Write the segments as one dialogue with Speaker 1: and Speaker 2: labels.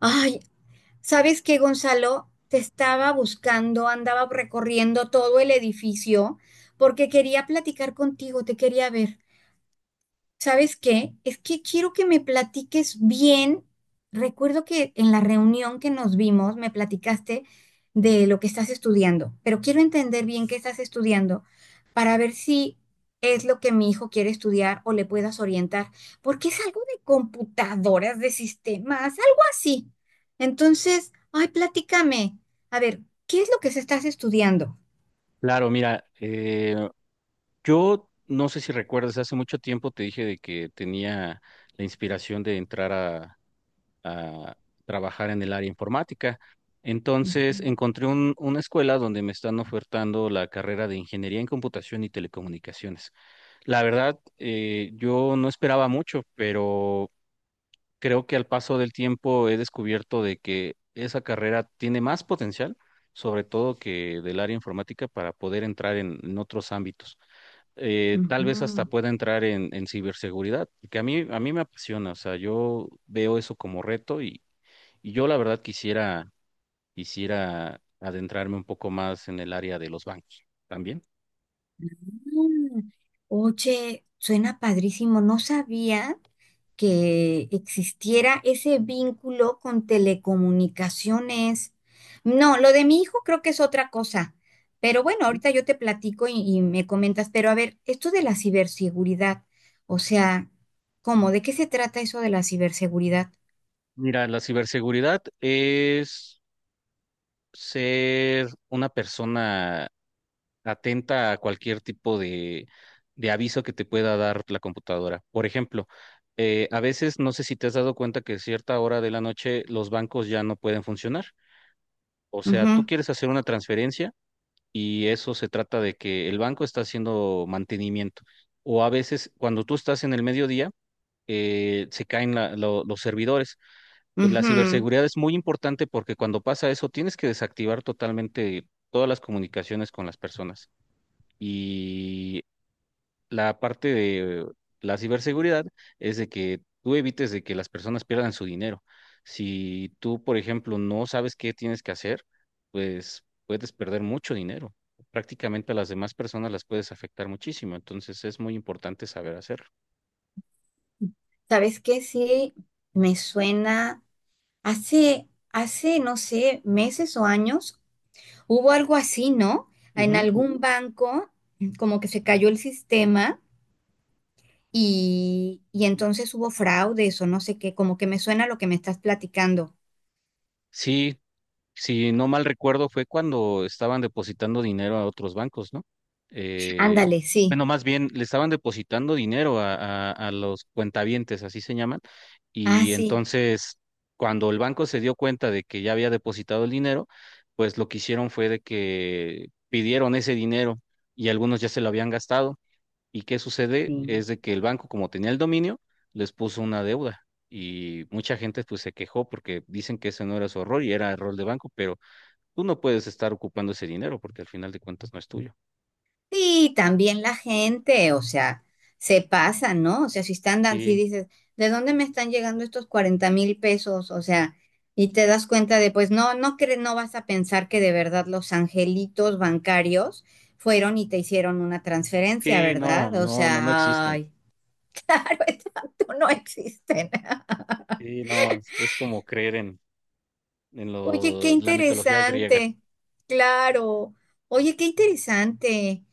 Speaker 1: Ay, ¿sabes qué, Gonzalo? Te estaba buscando, andaba recorriendo todo el edificio porque quería platicar contigo, te quería ver. ¿Sabes qué? Es que quiero que me platiques bien. Recuerdo que en la reunión que nos vimos me platicaste de lo que estás estudiando, pero quiero entender bien qué estás estudiando para ver si es lo que mi hijo quiere estudiar o le puedas orientar, porque es algo de computadoras, de sistemas, algo así. Entonces, ay, platícame. A ver, ¿qué es lo que se estás estudiando?
Speaker 2: Claro, mira, yo no sé si recuerdas, hace mucho tiempo te dije de que tenía la inspiración de entrar a trabajar en el área informática.
Speaker 1: Ujú,
Speaker 2: Entonces encontré una escuela donde me están ofertando la carrera de Ingeniería en Computación y Telecomunicaciones. La verdad, yo no esperaba mucho, pero creo que al paso del tiempo he descubierto de que esa carrera tiene más potencial, sobre todo que del área informática, para poder entrar en otros ámbitos. Tal vez hasta
Speaker 1: ujú.
Speaker 2: pueda entrar en ciberseguridad, que a mí me apasiona, o sea, yo veo eso como reto y yo la verdad quisiera adentrarme un poco más en el área de los bancos también.
Speaker 1: Mm, oye, suena padrísimo. No sabía que existiera ese vínculo con telecomunicaciones. No, lo de mi hijo creo que es otra cosa. Pero bueno, ahorita yo te platico y me comentas. Pero a ver, esto de la ciberseguridad, o sea, ¿cómo? ¿De qué se trata eso de la ciberseguridad?
Speaker 2: Mira, la ciberseguridad es ser una persona atenta a cualquier tipo de aviso que te pueda dar la computadora. Por ejemplo, a veces no sé si te has dado cuenta que a cierta hora de la noche los bancos ya no pueden funcionar. O sea, tú
Speaker 1: Ujú,
Speaker 2: quieres hacer una transferencia y eso se trata de que el banco está haciendo mantenimiento. O a veces cuando tú estás en el mediodía, se caen los servidores. La
Speaker 1: ujú.
Speaker 2: ciberseguridad es muy importante porque cuando pasa eso tienes que desactivar totalmente todas las comunicaciones con las personas. Y la parte de la ciberseguridad es de que tú evites de que las personas pierdan su dinero. Si tú, por ejemplo, no sabes qué tienes que hacer, pues puedes perder mucho dinero. Prácticamente a las demás personas las puedes afectar muchísimo. Entonces es muy importante saber hacerlo.
Speaker 1: ¿Sabes qué? Sí, me suena. Hace, no sé, meses o años. Hubo algo así, ¿no? En
Speaker 2: Ujú.
Speaker 1: algún banco, como que se cayó el sistema y entonces hubo fraudes o no sé qué, como que me suena lo que me estás platicando.
Speaker 2: Sí, si no mal recuerdo, fue cuando estaban depositando dinero a otros bancos, ¿no? Eh,
Speaker 1: Ándale, sí.
Speaker 2: bueno, más bien le estaban depositando dinero a los cuentavientes, así se llaman,
Speaker 1: Ah,
Speaker 2: y
Speaker 1: sí.
Speaker 2: entonces cuando el banco se dio cuenta de que ya había depositado el dinero, pues lo que hicieron fue de que pidieron ese dinero y algunos ya se lo habían gastado. ¿Y qué sucede? Es de que el banco, como tenía el dominio, les puso una deuda. Y mucha gente pues se quejó porque dicen que ese no era su error y era error de banco, pero tú no puedes estar ocupando ese dinero porque al final de cuentas no es tuyo.
Speaker 1: Sí, también la gente, o sea, se pasa, ¿no? O sea, si están, si
Speaker 2: Sí,
Speaker 1: dices, ¿de dónde me están llegando estos 40,000 pesos? O sea, y te das cuenta de, pues no, no vas a pensar que de verdad los angelitos bancarios fueron y te hicieron una transferencia,
Speaker 2: sí, no,
Speaker 1: ¿verdad? O
Speaker 2: no, no, no
Speaker 1: sea,
Speaker 2: existen.
Speaker 1: ay, claro, exacto, no existen.
Speaker 2: Sí, no, es como creer en
Speaker 1: Oye, qué
Speaker 2: la mitología griega.
Speaker 1: interesante, claro. Oye, qué interesante.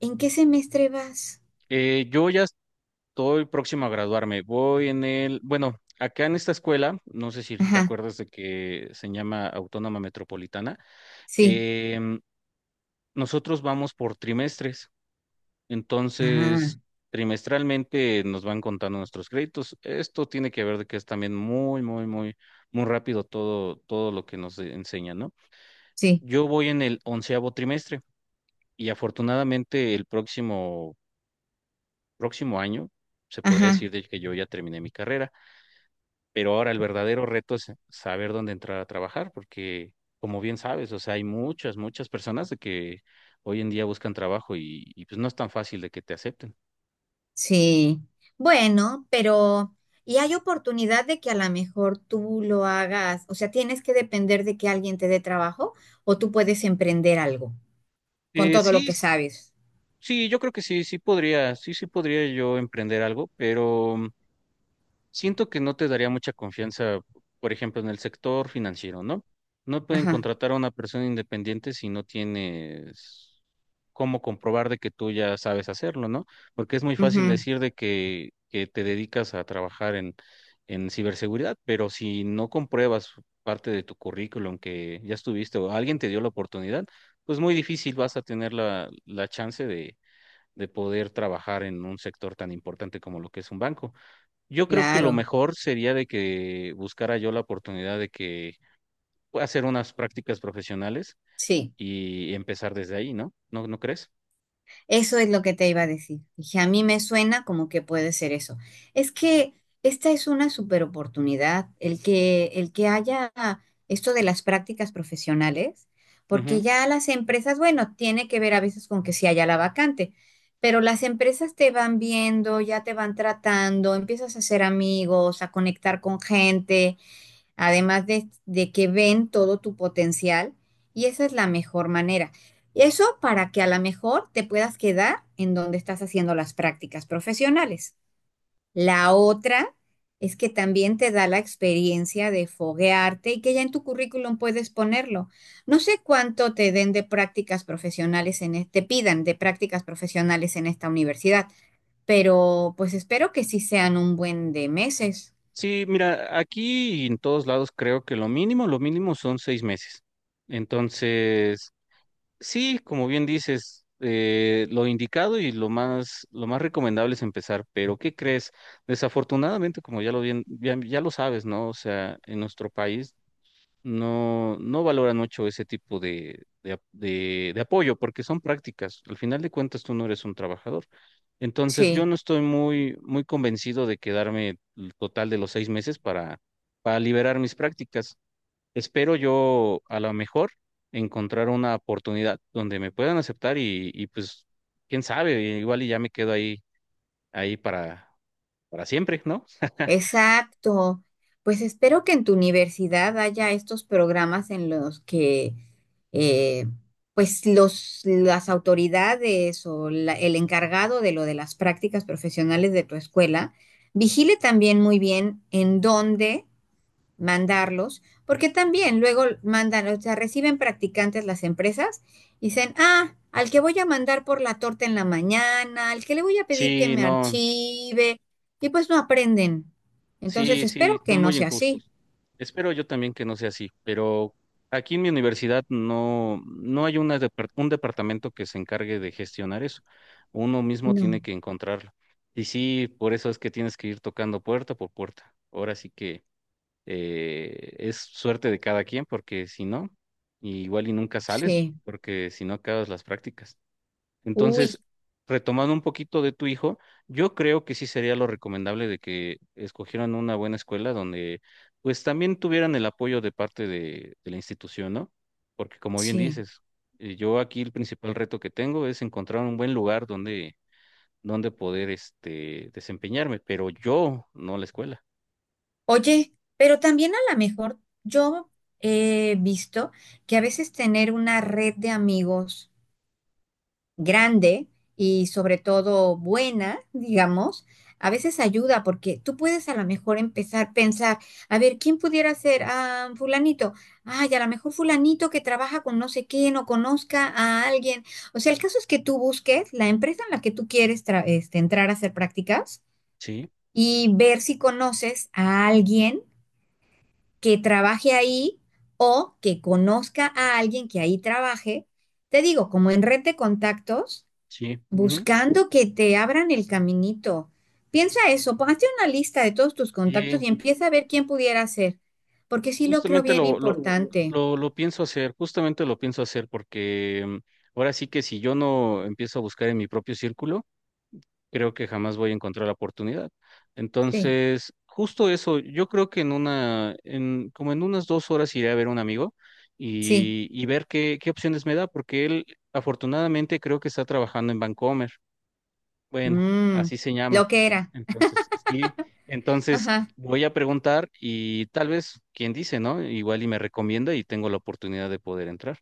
Speaker 1: ¿En qué semestre vas?
Speaker 2: Yo ya estoy próximo a graduarme. Voy en el, bueno, acá en esta escuela, no sé si te
Speaker 1: Ajá,
Speaker 2: acuerdas de que se llama Autónoma Metropolitana.
Speaker 1: sí.
Speaker 2: Nosotros vamos por trimestres,
Speaker 1: Ah,
Speaker 2: entonces trimestralmente nos van contando nuestros créditos. Esto tiene que ver de que es también muy rápido todo, todo lo que nos enseñan, ¿no?
Speaker 1: sí.
Speaker 2: Yo voy en el 11.º trimestre y afortunadamente el próximo año se podría
Speaker 1: Ajá,
Speaker 2: decir de que yo ya terminé mi carrera. Pero ahora el verdadero reto es saber dónde entrar a trabajar, porque como bien sabes, o sea, hay muchas personas de que hoy en día buscan trabajo y, pues no es tan fácil de que te acepten.
Speaker 1: sí. Bueno, pero y hay oportunidad de que a lo mejor tú lo hagas, o sea, tienes que depender de que alguien te dé trabajo o tú puedes emprender algo con
Speaker 2: Eh,
Speaker 1: todo lo
Speaker 2: sí,
Speaker 1: que
Speaker 2: s-
Speaker 1: sabes.
Speaker 2: sí, yo creo que sí, sí podría yo emprender algo, pero siento que no te daría mucha confianza, por ejemplo, en el sector financiero, ¿no? No pueden
Speaker 1: Ajá,
Speaker 2: contratar a una persona independiente si no tienes cómo comprobar de que tú ya sabes hacerlo, ¿no? Porque es muy fácil
Speaker 1: ujú,
Speaker 2: decir de que te dedicas a trabajar en ciberseguridad, pero si no compruebas parte de tu currículum que ya estuviste o alguien te dio la oportunidad, pues muy difícil vas a tener la chance de poder trabajar en un sector tan importante como lo que es un banco. Yo creo que lo
Speaker 1: claro,
Speaker 2: mejor sería de que buscara yo la oportunidad de que pueda hacer unas prácticas profesionales
Speaker 1: sí.
Speaker 2: y empezar desde ahí, ¿no? ¿No, no crees?
Speaker 1: Eso es lo que te iba a decir. Dije, a mí me suena como que puede ser eso. Es que esta es una super oportunidad, el que haya esto de las prácticas profesionales, porque
Speaker 2: Ujú.
Speaker 1: ya las empresas, bueno, tiene que ver a veces con que si haya la vacante, pero las empresas te van viendo, ya te van tratando, empiezas a hacer amigos, a conectar con gente además de que ven todo tu potencial y esa es la mejor manera. Eso para que a lo mejor te puedas quedar en donde estás haciendo las prácticas profesionales. La otra es que también te da la experiencia de foguearte y que ya en tu currículum puedes ponerlo. No sé cuánto te den de prácticas profesionales te pidan de prácticas profesionales en esta universidad, pero pues espero que sí sean un buen de meses.
Speaker 2: Sí, mira, aquí y en todos lados creo que lo mínimo son 6 meses. Entonces, sí, como bien dices, lo indicado y lo más recomendable es empezar, pero ¿qué crees? Desafortunadamente, como ya lo bien, ya lo sabes, ¿no? O sea, en nuestro país no, no valoran mucho ese tipo de apoyo porque son prácticas. Al final de cuentas, tú no eres un trabajador. Entonces, yo
Speaker 1: Sí.
Speaker 2: no estoy muy convencido de quedarme el total de los 6 meses para liberar mis prácticas. Espero yo a lo mejor encontrar una oportunidad donde me puedan aceptar y pues, quién sabe, igual y ya me quedo ahí, ahí para siempre, ¿no?
Speaker 1: Exacto. Pues espero que en tu universidad haya estos programas en los que eh, pues los, las autoridades o el encargado de lo de las prácticas profesionales de tu escuela vigile también muy bien en dónde mandarlos, porque también luego mandan, o sea, reciben practicantes las empresas y dicen, ah, al que voy a mandar por la torta en la mañana, al que le voy a pedir que
Speaker 2: Sí,
Speaker 1: me
Speaker 2: no.
Speaker 1: archive, y pues no aprenden. Entonces,
Speaker 2: Sí, sí,
Speaker 1: espero que
Speaker 2: son
Speaker 1: no
Speaker 2: muy
Speaker 1: sea así.
Speaker 2: injustos. Espero yo también que no sea así, pero aquí en mi universidad no, no hay una un departamento que se encargue de gestionar eso. Uno mismo tiene
Speaker 1: No,
Speaker 2: que encontrarlo. Y sí, por eso es que tienes que ir tocando puerta por puerta. Ahora sí que es suerte de cada quien, porque si no, igual y nunca sales,
Speaker 1: sí,
Speaker 2: porque si no acabas las prácticas.
Speaker 1: uy,
Speaker 2: Entonces, retomando un poquito de tu hijo, yo creo que sí sería lo recomendable de que escogieran una buena escuela donde pues también tuvieran el apoyo de parte de la institución, ¿no? Porque como bien
Speaker 1: sí.
Speaker 2: dices, yo aquí el principal reto que tengo es encontrar un buen lugar donde poder este, desempeñarme, pero yo, no la escuela.
Speaker 1: Oye, pero también a lo mejor yo he visto que a veces tener una red de amigos, grande y sobre todo buena, digamos, a veces ayuda porque tú puedes a lo mejor empezar a pensar, a ver, ¿quién pudiera ser? Ah, fulanito. Ay, a lo mejor fulanito que trabaja con no sé quién o conozca a alguien. O sea, el caso es que tú busques la empresa en la que tú quieres este, entrar a hacer prácticas
Speaker 2: Sí,
Speaker 1: y ver si conoces a alguien que trabaje ahí o que conozca a alguien que ahí trabaje. Te digo, como en red de contactos.
Speaker 2: sí. Ujú.
Speaker 1: Buscando que te abran el caminito. Piensa eso, hazte una lista de todos tus contactos
Speaker 2: Sí,
Speaker 1: y empieza a ver quién pudiera ser, porque sí lo creo
Speaker 2: justamente
Speaker 1: bien importante.
Speaker 2: lo pienso hacer, justamente lo pienso hacer porque ahora sí que si yo no empiezo a buscar en mi propio círculo, creo que jamás voy a encontrar la oportunidad.
Speaker 1: Sí,
Speaker 2: Entonces, justo eso, yo creo que en como en unas 2 horas iré a ver a un amigo
Speaker 1: sí.
Speaker 2: y ver qué, qué opciones me da, porque él afortunadamente creo que está trabajando en Bancomer. Bueno,
Speaker 1: Mm,
Speaker 2: así se llama.
Speaker 1: lo que era.
Speaker 2: Entonces, sí, entonces
Speaker 1: Ajá,
Speaker 2: voy a preguntar y tal vez, quién dice, ¿no? Igual y me recomienda y tengo la oportunidad de poder entrar.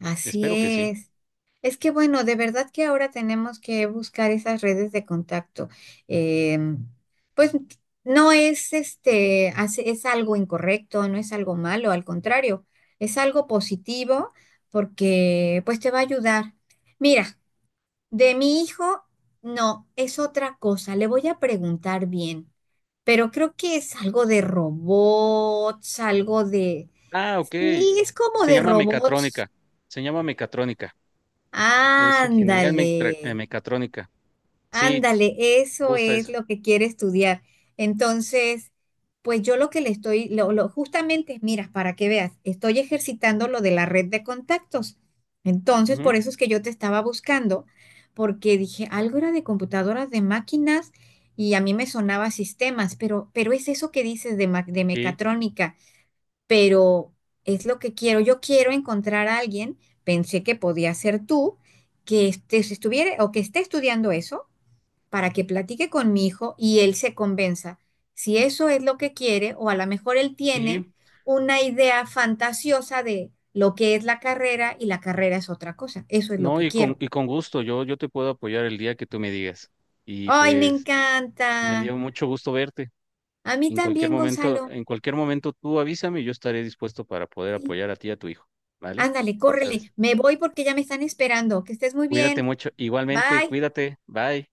Speaker 1: así
Speaker 2: Espero que sí.
Speaker 1: es. Es que bueno, de verdad que ahora tenemos que buscar esas redes de contacto. Em, pues no es este, es algo incorrecto, no es algo malo, al contrario, es algo positivo porque pues te va a ayudar. Mira, de mi hijo, no, es otra cosa, le voy a preguntar bien, pero creo que es algo de robots, algo de...
Speaker 2: Ah, ok.
Speaker 1: Sí, es como
Speaker 2: Se
Speaker 1: de
Speaker 2: llama
Speaker 1: robots.
Speaker 2: mecatrónica. Se llama mecatrónica. Es ingeniería en
Speaker 1: Ándale.
Speaker 2: mecatrónica. Sí,
Speaker 1: Ándale, eso
Speaker 2: justa
Speaker 1: es
Speaker 2: esa.
Speaker 1: lo que quiere estudiar. Entonces, pues yo lo que le estoy, justamente, mira, para que veas, estoy ejercitando lo de la red de contactos. Entonces,
Speaker 2: Ujú,
Speaker 1: por eso es que yo te estaba buscando, porque dije, algo era de computadoras, de máquinas, y a mí me sonaba sistemas, pero es eso que dices de, de
Speaker 2: sí,
Speaker 1: mecatrónica, pero es lo que quiero. Yo quiero encontrar a alguien, pensé que podía ser tú, que estuviera o que esté estudiando eso para que platique con mi hijo y él se convenza si eso es lo que quiere o a lo mejor él tiene
Speaker 2: sí.
Speaker 1: una idea fantasiosa de lo que es la carrera y la carrera es otra cosa. Eso es lo
Speaker 2: No,
Speaker 1: que quiero.
Speaker 2: y con gusto, yo te puedo apoyar el día que tú me digas. Y
Speaker 1: ¡Ay, me
Speaker 2: pues me
Speaker 1: encanta!
Speaker 2: dio mucho gusto verte.
Speaker 1: A mí también, Gonzalo.
Speaker 2: En cualquier momento tú avísame y yo estaré dispuesto para poder
Speaker 1: Sí,
Speaker 2: apoyar a ti y a tu hijo, ¿vale?
Speaker 1: ándale,
Speaker 2: Muchas gracias.
Speaker 1: córrele. Me voy porque ya me están esperando. Que estés muy
Speaker 2: Cuídate
Speaker 1: bien.
Speaker 2: mucho. Igualmente,
Speaker 1: Bye.
Speaker 2: cuídate. Bye.